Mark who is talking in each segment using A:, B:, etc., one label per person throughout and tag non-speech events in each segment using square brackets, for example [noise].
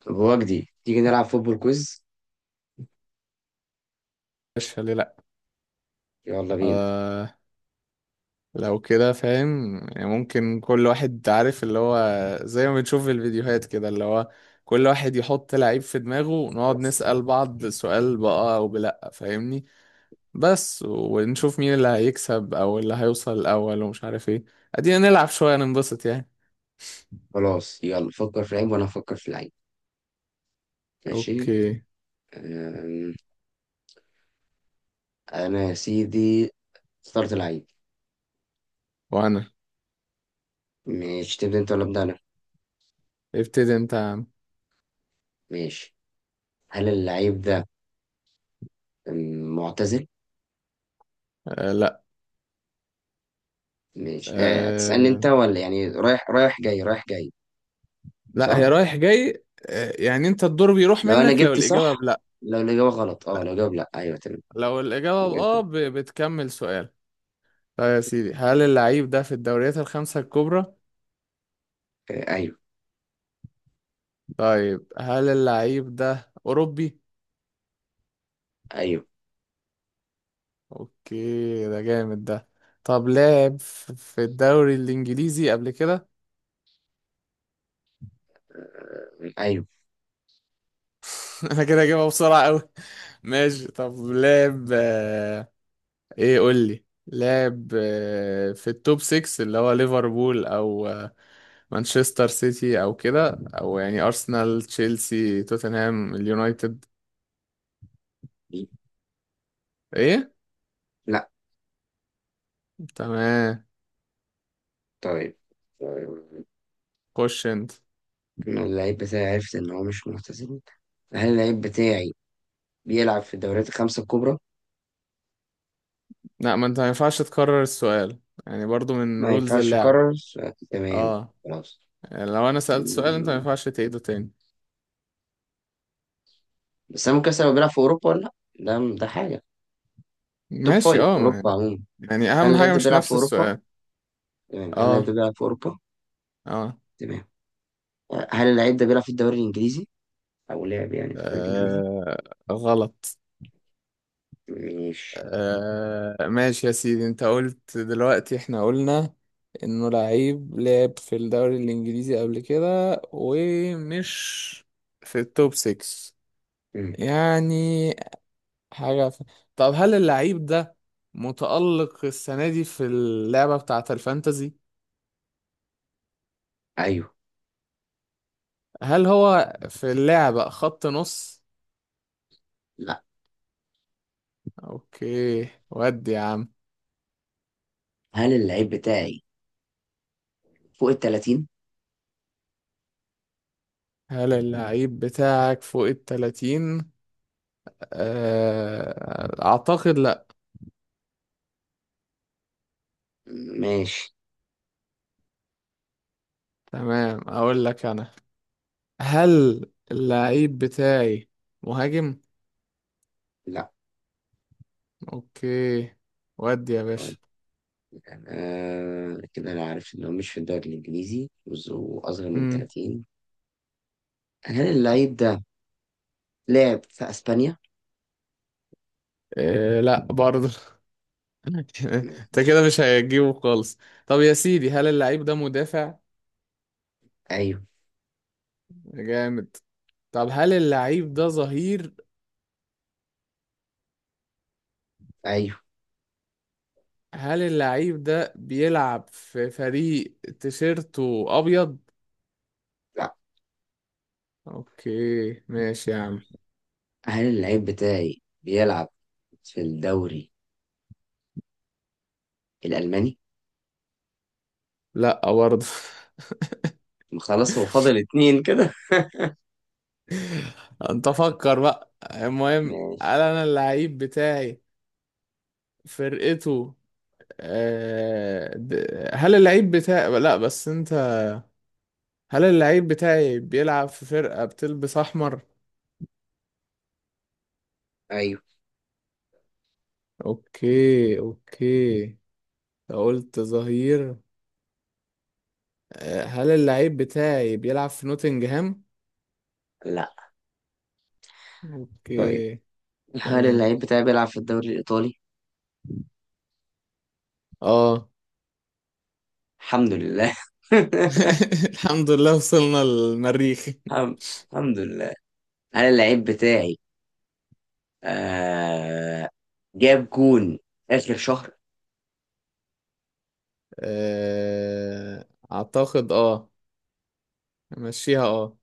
A: طب هو جديد تيجي نلعب فوتبول كويز.
B: مش ليه، لأ.
A: يلا بينا.
B: آه. لو كده فاهم يعني، ممكن كل واحد عارف اللي هو، زي ما بنشوف في الفيديوهات كده، اللي هو كل واحد يحط لعيب في دماغه، ونقعد نسأل بعض سؤال بقى أو بلأ، فاهمني؟ بس ونشوف مين اللي هيكسب أو اللي هيوصل الأول ومش عارف ايه. أدينا نلعب شوية ننبسط يعني.
A: خلاص، يلا فكر في لعيب وانا هفكر في لعيب. ماشي.
B: أوكي.
A: أم، انا يا سيدي اخترت لعيب.
B: وأنا.
A: ماشي، تبدا انت ولا ابدا انا؟
B: ابتدي أنت يا عم.
A: ماشي. هل اللعيب ده معتزل؟
B: آه. لأ.
A: ماشي. أه، تسألني
B: آه.
A: انت ولا يعني رايح جاي؟
B: لأ، هي
A: صح.
B: رايح جاي. آه يعني أنت الدور بيروح
A: لو انا
B: منك لو
A: جبت
B: الإجابة
A: صح،
B: بلأ.
A: لو الاجابه غلط اه، لو جاوب لا ايوه تمام.
B: لو الإجابة بآه بتكمل سؤال. طيب يا سيدي، هل اللعيب ده في الدوريات الخمسة الكبرى؟
A: أه، ايوه.
B: طيب، هل اللعيب ده أوروبي؟
A: ايوه.
B: أوكي، ده جامد ده. طب لعب في الدوري الإنجليزي قبل كده؟
A: ايوه.
B: [laughs] أنا كده هجيبها بسرعة أوي. ماشي، طب لعب، إيه، قول لي لعب، في التوب 6 اللي هو ليفربول، أو مانشستر سيتي، أو كده، أو يعني أرسنال تشيلسي توتنهام اليونايتد. إيه؟
A: لا.
B: تمام.
A: طيب. طيب.
B: خش انت.
A: إنه اللعيب بتاعي عرفت إن هو مش ملتزم. هل اللعيب بتاعي بيلعب في الدوريات الخمسة الكبرى؟
B: لا، ما انت ما ينفعش تكرر السؤال. يعني برضو من
A: ما
B: رولز
A: ينفعش
B: اللعبة.
A: أكرر، تمام.
B: اه.
A: خلاص.
B: يعني لو انا سألت سؤال، انت ما
A: م-
B: ينفعش تعيده تاني.
A: بس أنا ممكن أسأل، هو بيلعب في أوروبا ولا لأ؟ ده حاجة، توب
B: ماشي،
A: فايف
B: اه
A: أوروبا
B: ما،
A: عموما.
B: يعني
A: هل
B: اهم
A: اللعيب
B: حاجة
A: ده
B: مش
A: بيلعب في
B: نفس
A: أوروبا؟
B: السؤال.
A: تمام، هل اللعيب
B: اه.
A: ده بيلعب في أوروبا؟
B: اه.
A: تمام. هل اللعيب ده بيلعب في الدوري الإنجليزي؟ أو لعب يعني في الدوري الإنجليزي؟
B: آه، غلط.
A: ماشي.
B: آه، ماشي يا سيدي، انت قلت دلوقتي احنا قلنا انه لعيب لعب في الدوري الانجليزي قبل كده ومش في التوب 6.
A: مم.
B: يعني حاجة طب، هل اللعيب ده متألق السنة دي في اللعبة بتاعة الفانتزي؟
A: أيوه.
B: هل هو في اللعبة خط نص؟
A: لأ.
B: اوكي، ودي يا عم.
A: هل اللعيب بتاعي فوق ال 30؟
B: هل اللعيب بتاعك فوق التلاتين؟ اعتقد لا.
A: ماشي.
B: تمام، اقول لك انا. هل اللعيب بتاعي مهاجم؟
A: لأ.
B: اوكي، ودي يا باشا.
A: آه، كده انا عارف ان هو مش في الدوري الانجليزي واصغر من
B: مم.
A: 30. هل اللعيب ده لعب في اسبانيا؟
B: إيه، لا برضه. [laughs] انت كده
A: ماشي.
B: مش هتجيبه خالص. طب يا سيدي، هل اللعيب ده مدافع؟
A: ايوه.
B: جامد. طب هل اللعيب ده ظهير؟
A: ايوه.
B: هل اللعيب ده بيلعب في فريق تيشيرته ابيض؟
A: لا.
B: اوكي ماشي يا عم.
A: هل اللعيب بتاعي بيلعب في الدوري الالماني؟
B: لا برضه.
A: خلاص، هو فاضل اتنين كده.
B: [laughs] انت فكر بقى، المهم هل
A: ماشي.
B: انا اللعيب بتاعي فرقته، هل اللعيب بتاعي، لا بس انت، هل اللعيب بتاعي بيلعب في فرقة بتلبس احمر؟
A: ايوه.
B: اوكي اوكي. قلت ظهير. هل اللعيب بتاعي بيلعب في نوتنجهام؟
A: لا. طيب
B: اوكي.
A: هل
B: تمام.
A: اللعيب بتاعي بيلعب في الدوري الايطالي؟
B: اه.
A: الحمد لله. [laughs]
B: [laughs] الحمد لله وصلنا للمريخ.
A: الحم- الحمد لله. هل اللعيب بتاعي آه جاب جون اخر شهر؟
B: اعتقد اه. امشيها اه.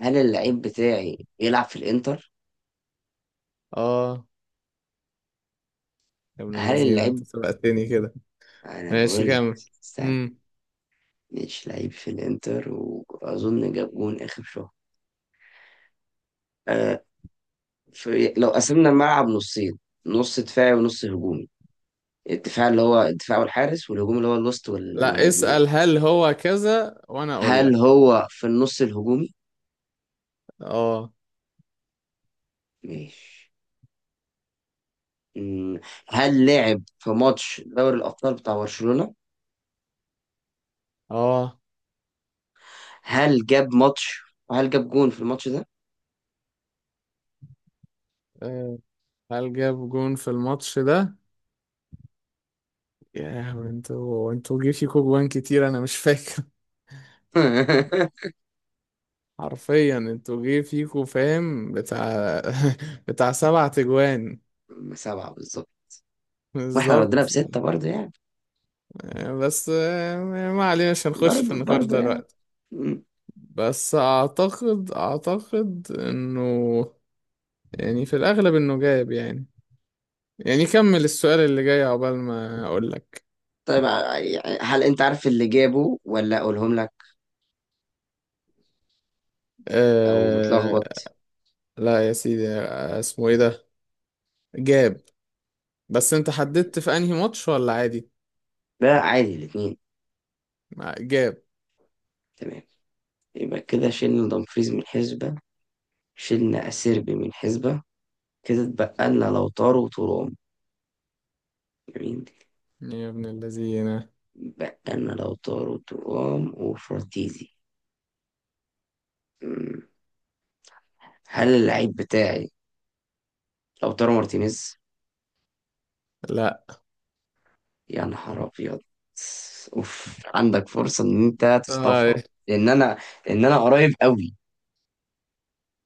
A: هل اللعيب بتاعي بيلعب في الانتر؟
B: اه. يا ابن
A: هل
B: اللذين، انت
A: اللعيب،
B: سبقتني كده.
A: انا
B: ماشي
A: بقول لك،
B: كمل.
A: استنى.
B: مم.
A: مش لعيب في الانتر واظن جاب جون اخر شهر. آه، لو قسمنا الملعب نصين، نص دفاعي ونص هجومي، الدفاع اللي هو الدفاع والحارس، والهجوم اللي هو الوسط
B: لا،
A: والمهاجمين.
B: اسأل هل هو كذا وانا اقول
A: هل
B: لك.
A: هو في النص الهجومي؟
B: اه.
A: ماشي. مم، هل لعب في ماتش دوري الابطال بتاع برشلونة؟
B: اه.
A: هل جاب ماتش وهل جاب جون في الماتش ده؟
B: آه، هل جاب جون في الماتش ده؟ يا انتوا انتوا جه فيكوا جوان كتير، انا مش فاكر. [laughs] حرفيا انتوا جه فيكوا، فاهم، بتاع. [laughs] بتاع سبع تجوان.
A: [laughs] سبعة بالظبط. واحنا ردينا
B: بالظبط.
A: بستة برضه يعني.
B: بس ما علينا، مش هنخش في
A: برضه
B: النقاش
A: برضه
B: ده
A: يعني.
B: دلوقتي.
A: مم.
B: بس اعتقد اعتقد انه، يعني في الاغلب انه جايب يعني، يعني كمل السؤال اللي جاي عقبال ما اقول لك.
A: طيب، يعني هل انت عارف اللي جابه ولا اقولهم لك لو
B: أه.
A: متلخبط؟
B: لا يا سيدي، اسمه ايه ده، جاب. بس انت حددت في انهي ماتش ولا عادي؟
A: ده عادي الاتنين.
B: جاب.
A: تمام. يبقى كده شلنا دمفريز من حسبة، شلنا أسيربي من حسبة، كده اتبقى لنا لوتارو وترام. جميل.
B: يا ابن الذين.
A: اتبقى لنا لوتارو وترام وفراتيزي. مم. هل اللعيب بتاعي لوتارو مارتينيز؟
B: لا.
A: يا نهار ابيض. اوف، عندك فرصه ان انت
B: آه
A: تصطفها. لان انا لان انا قريب قوي.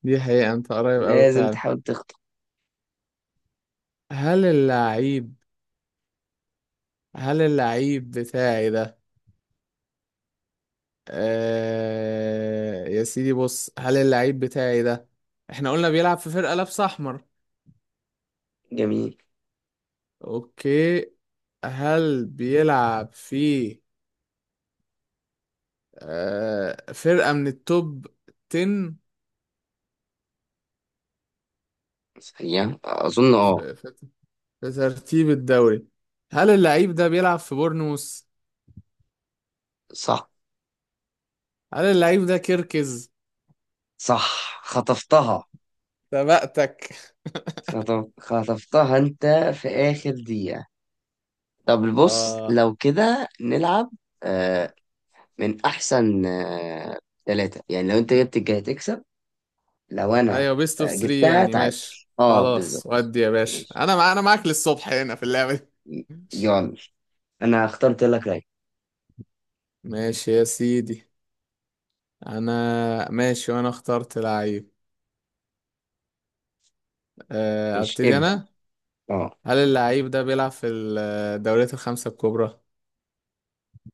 B: دي حقيقة، انت قريب اوي
A: لازم
B: فعلا.
A: تحاول تخطف.
B: هل اللعيب هل اللعيب بتاعي ده، آه يا سيدي بص، هل اللعيب بتاعي ده، احنا قلنا بيلعب في فرقة لابسة احمر.
A: جميل.
B: اوكي. هل بيلعب في آه فرقة من التوب 10
A: هي اظن اه.
B: في, في, في ترتيب الدوري؟ هل اللعيب ده بيلعب في بورنموث؟
A: صح.
B: هل اللعيب ده كيركز؟
A: صح، خطفتها.
B: سبقتك.
A: خطفتها انت في اخر دقيقه. طب بص،
B: آه
A: لو كده نلعب آه من احسن آه ثلاثه، يعني لو انت جبت الجاي تكسب. لو انا
B: ايوه بيست
A: آه
B: اوف 3
A: جبتها
B: يعني،
A: تعادل.
B: ماشي.
A: اه
B: خلاص
A: بالظبط.
B: ودي يا باشا،
A: ماشي.
B: انا معاك للصبح هنا في اللعبة دي.
A: يلا، انا اخترت لك لعيب.
B: ماشي يا سيدي. انا ماشي وانا اخترت لعيب.
A: مش
B: ابتدي
A: ابدأ.
B: انا.
A: اه.
B: هل اللعيب ده بيلعب في الدوريات الخمسة الكبرى؟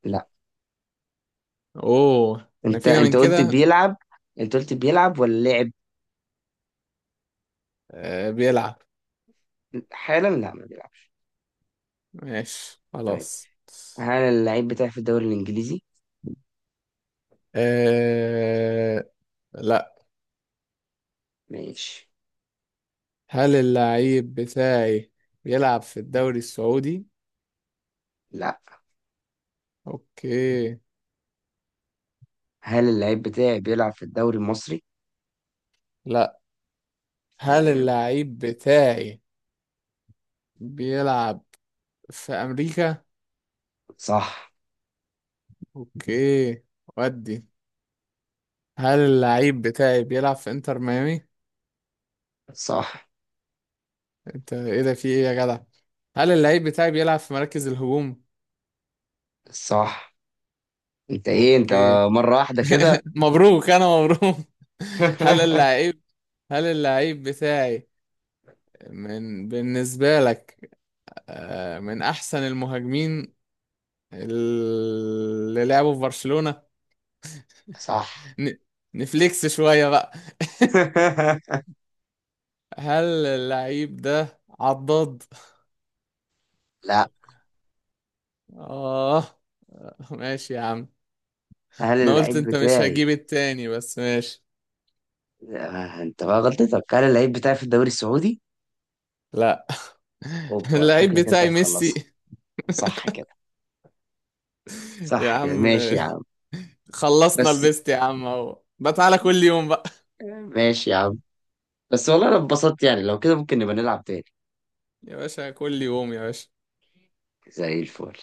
A: لا،
B: اوه، احنا
A: انت
B: فينا من
A: انت قلت
B: كده.
A: بيلعب. انت قلت بيلعب ولا لعب؟
B: بيلعب.
A: حالا لا ما بيلعبش.
B: ماشي
A: طيب
B: خلاص.
A: هل اللعيب بتاعي في الدوري الانجليزي؟
B: أه... لا.
A: ماشي.
B: هل اللعيب بتاعي بيلعب في الدوري السعودي؟
A: لا.
B: اوكي.
A: هل اللعيب بتاعي بيلعب في الدوري المصري؟
B: لا. هل
A: تمام.
B: اللعيب بتاعي بيلعب في أمريكا؟
A: صح.
B: أوكي، ودي. هل اللعيب بتاعي بيلعب في إنتر ميامي؟
A: صح.
B: أنت إيه ده، في إيه يا جدع؟ هل اللعيب بتاعي بيلعب في مراكز الهجوم؟
A: صح. انت ايه انت،
B: أوكي.
A: مرة واحدة كده؟
B: [laughs] مبروك أنا مبروك. [laughs] هل
A: [laughs]
B: اللعيب هل اللعيب بتاعي، من بالنسبة لك، من أحسن المهاجمين اللي لعبوا في برشلونة؟
A: صح.
B: ن- نفليكس شوية بقى.
A: [laughs]
B: هل اللعيب ده عضاد؟
A: لا،
B: اه. ماشي يا عم.
A: هل
B: انا قلت
A: اللعيب
B: انت مش
A: بتاعي
B: هجيب التاني بس ماشي.
A: آه، انت بقى غلطتك، هل اللعيب بتاعي في الدوري السعودي؟
B: لا. [laughs]
A: اوبا،
B: اللعيب
A: شكلك انت
B: بتاعي ميسي.
A: هتخلصها. صح كده.
B: يا
A: صح يعني،
B: عم.
A: ماشي يا عم.
B: خلصنا
A: بس
B: البيست يا عم، اهو بقى، تعالى كل يوم بقى.
A: ماشي يا عم. بس والله انا اتبسطت يعني، لو كده ممكن نبقى نلعب تاني
B: يا باشا كل يوم يا باشا.
A: زي الفل.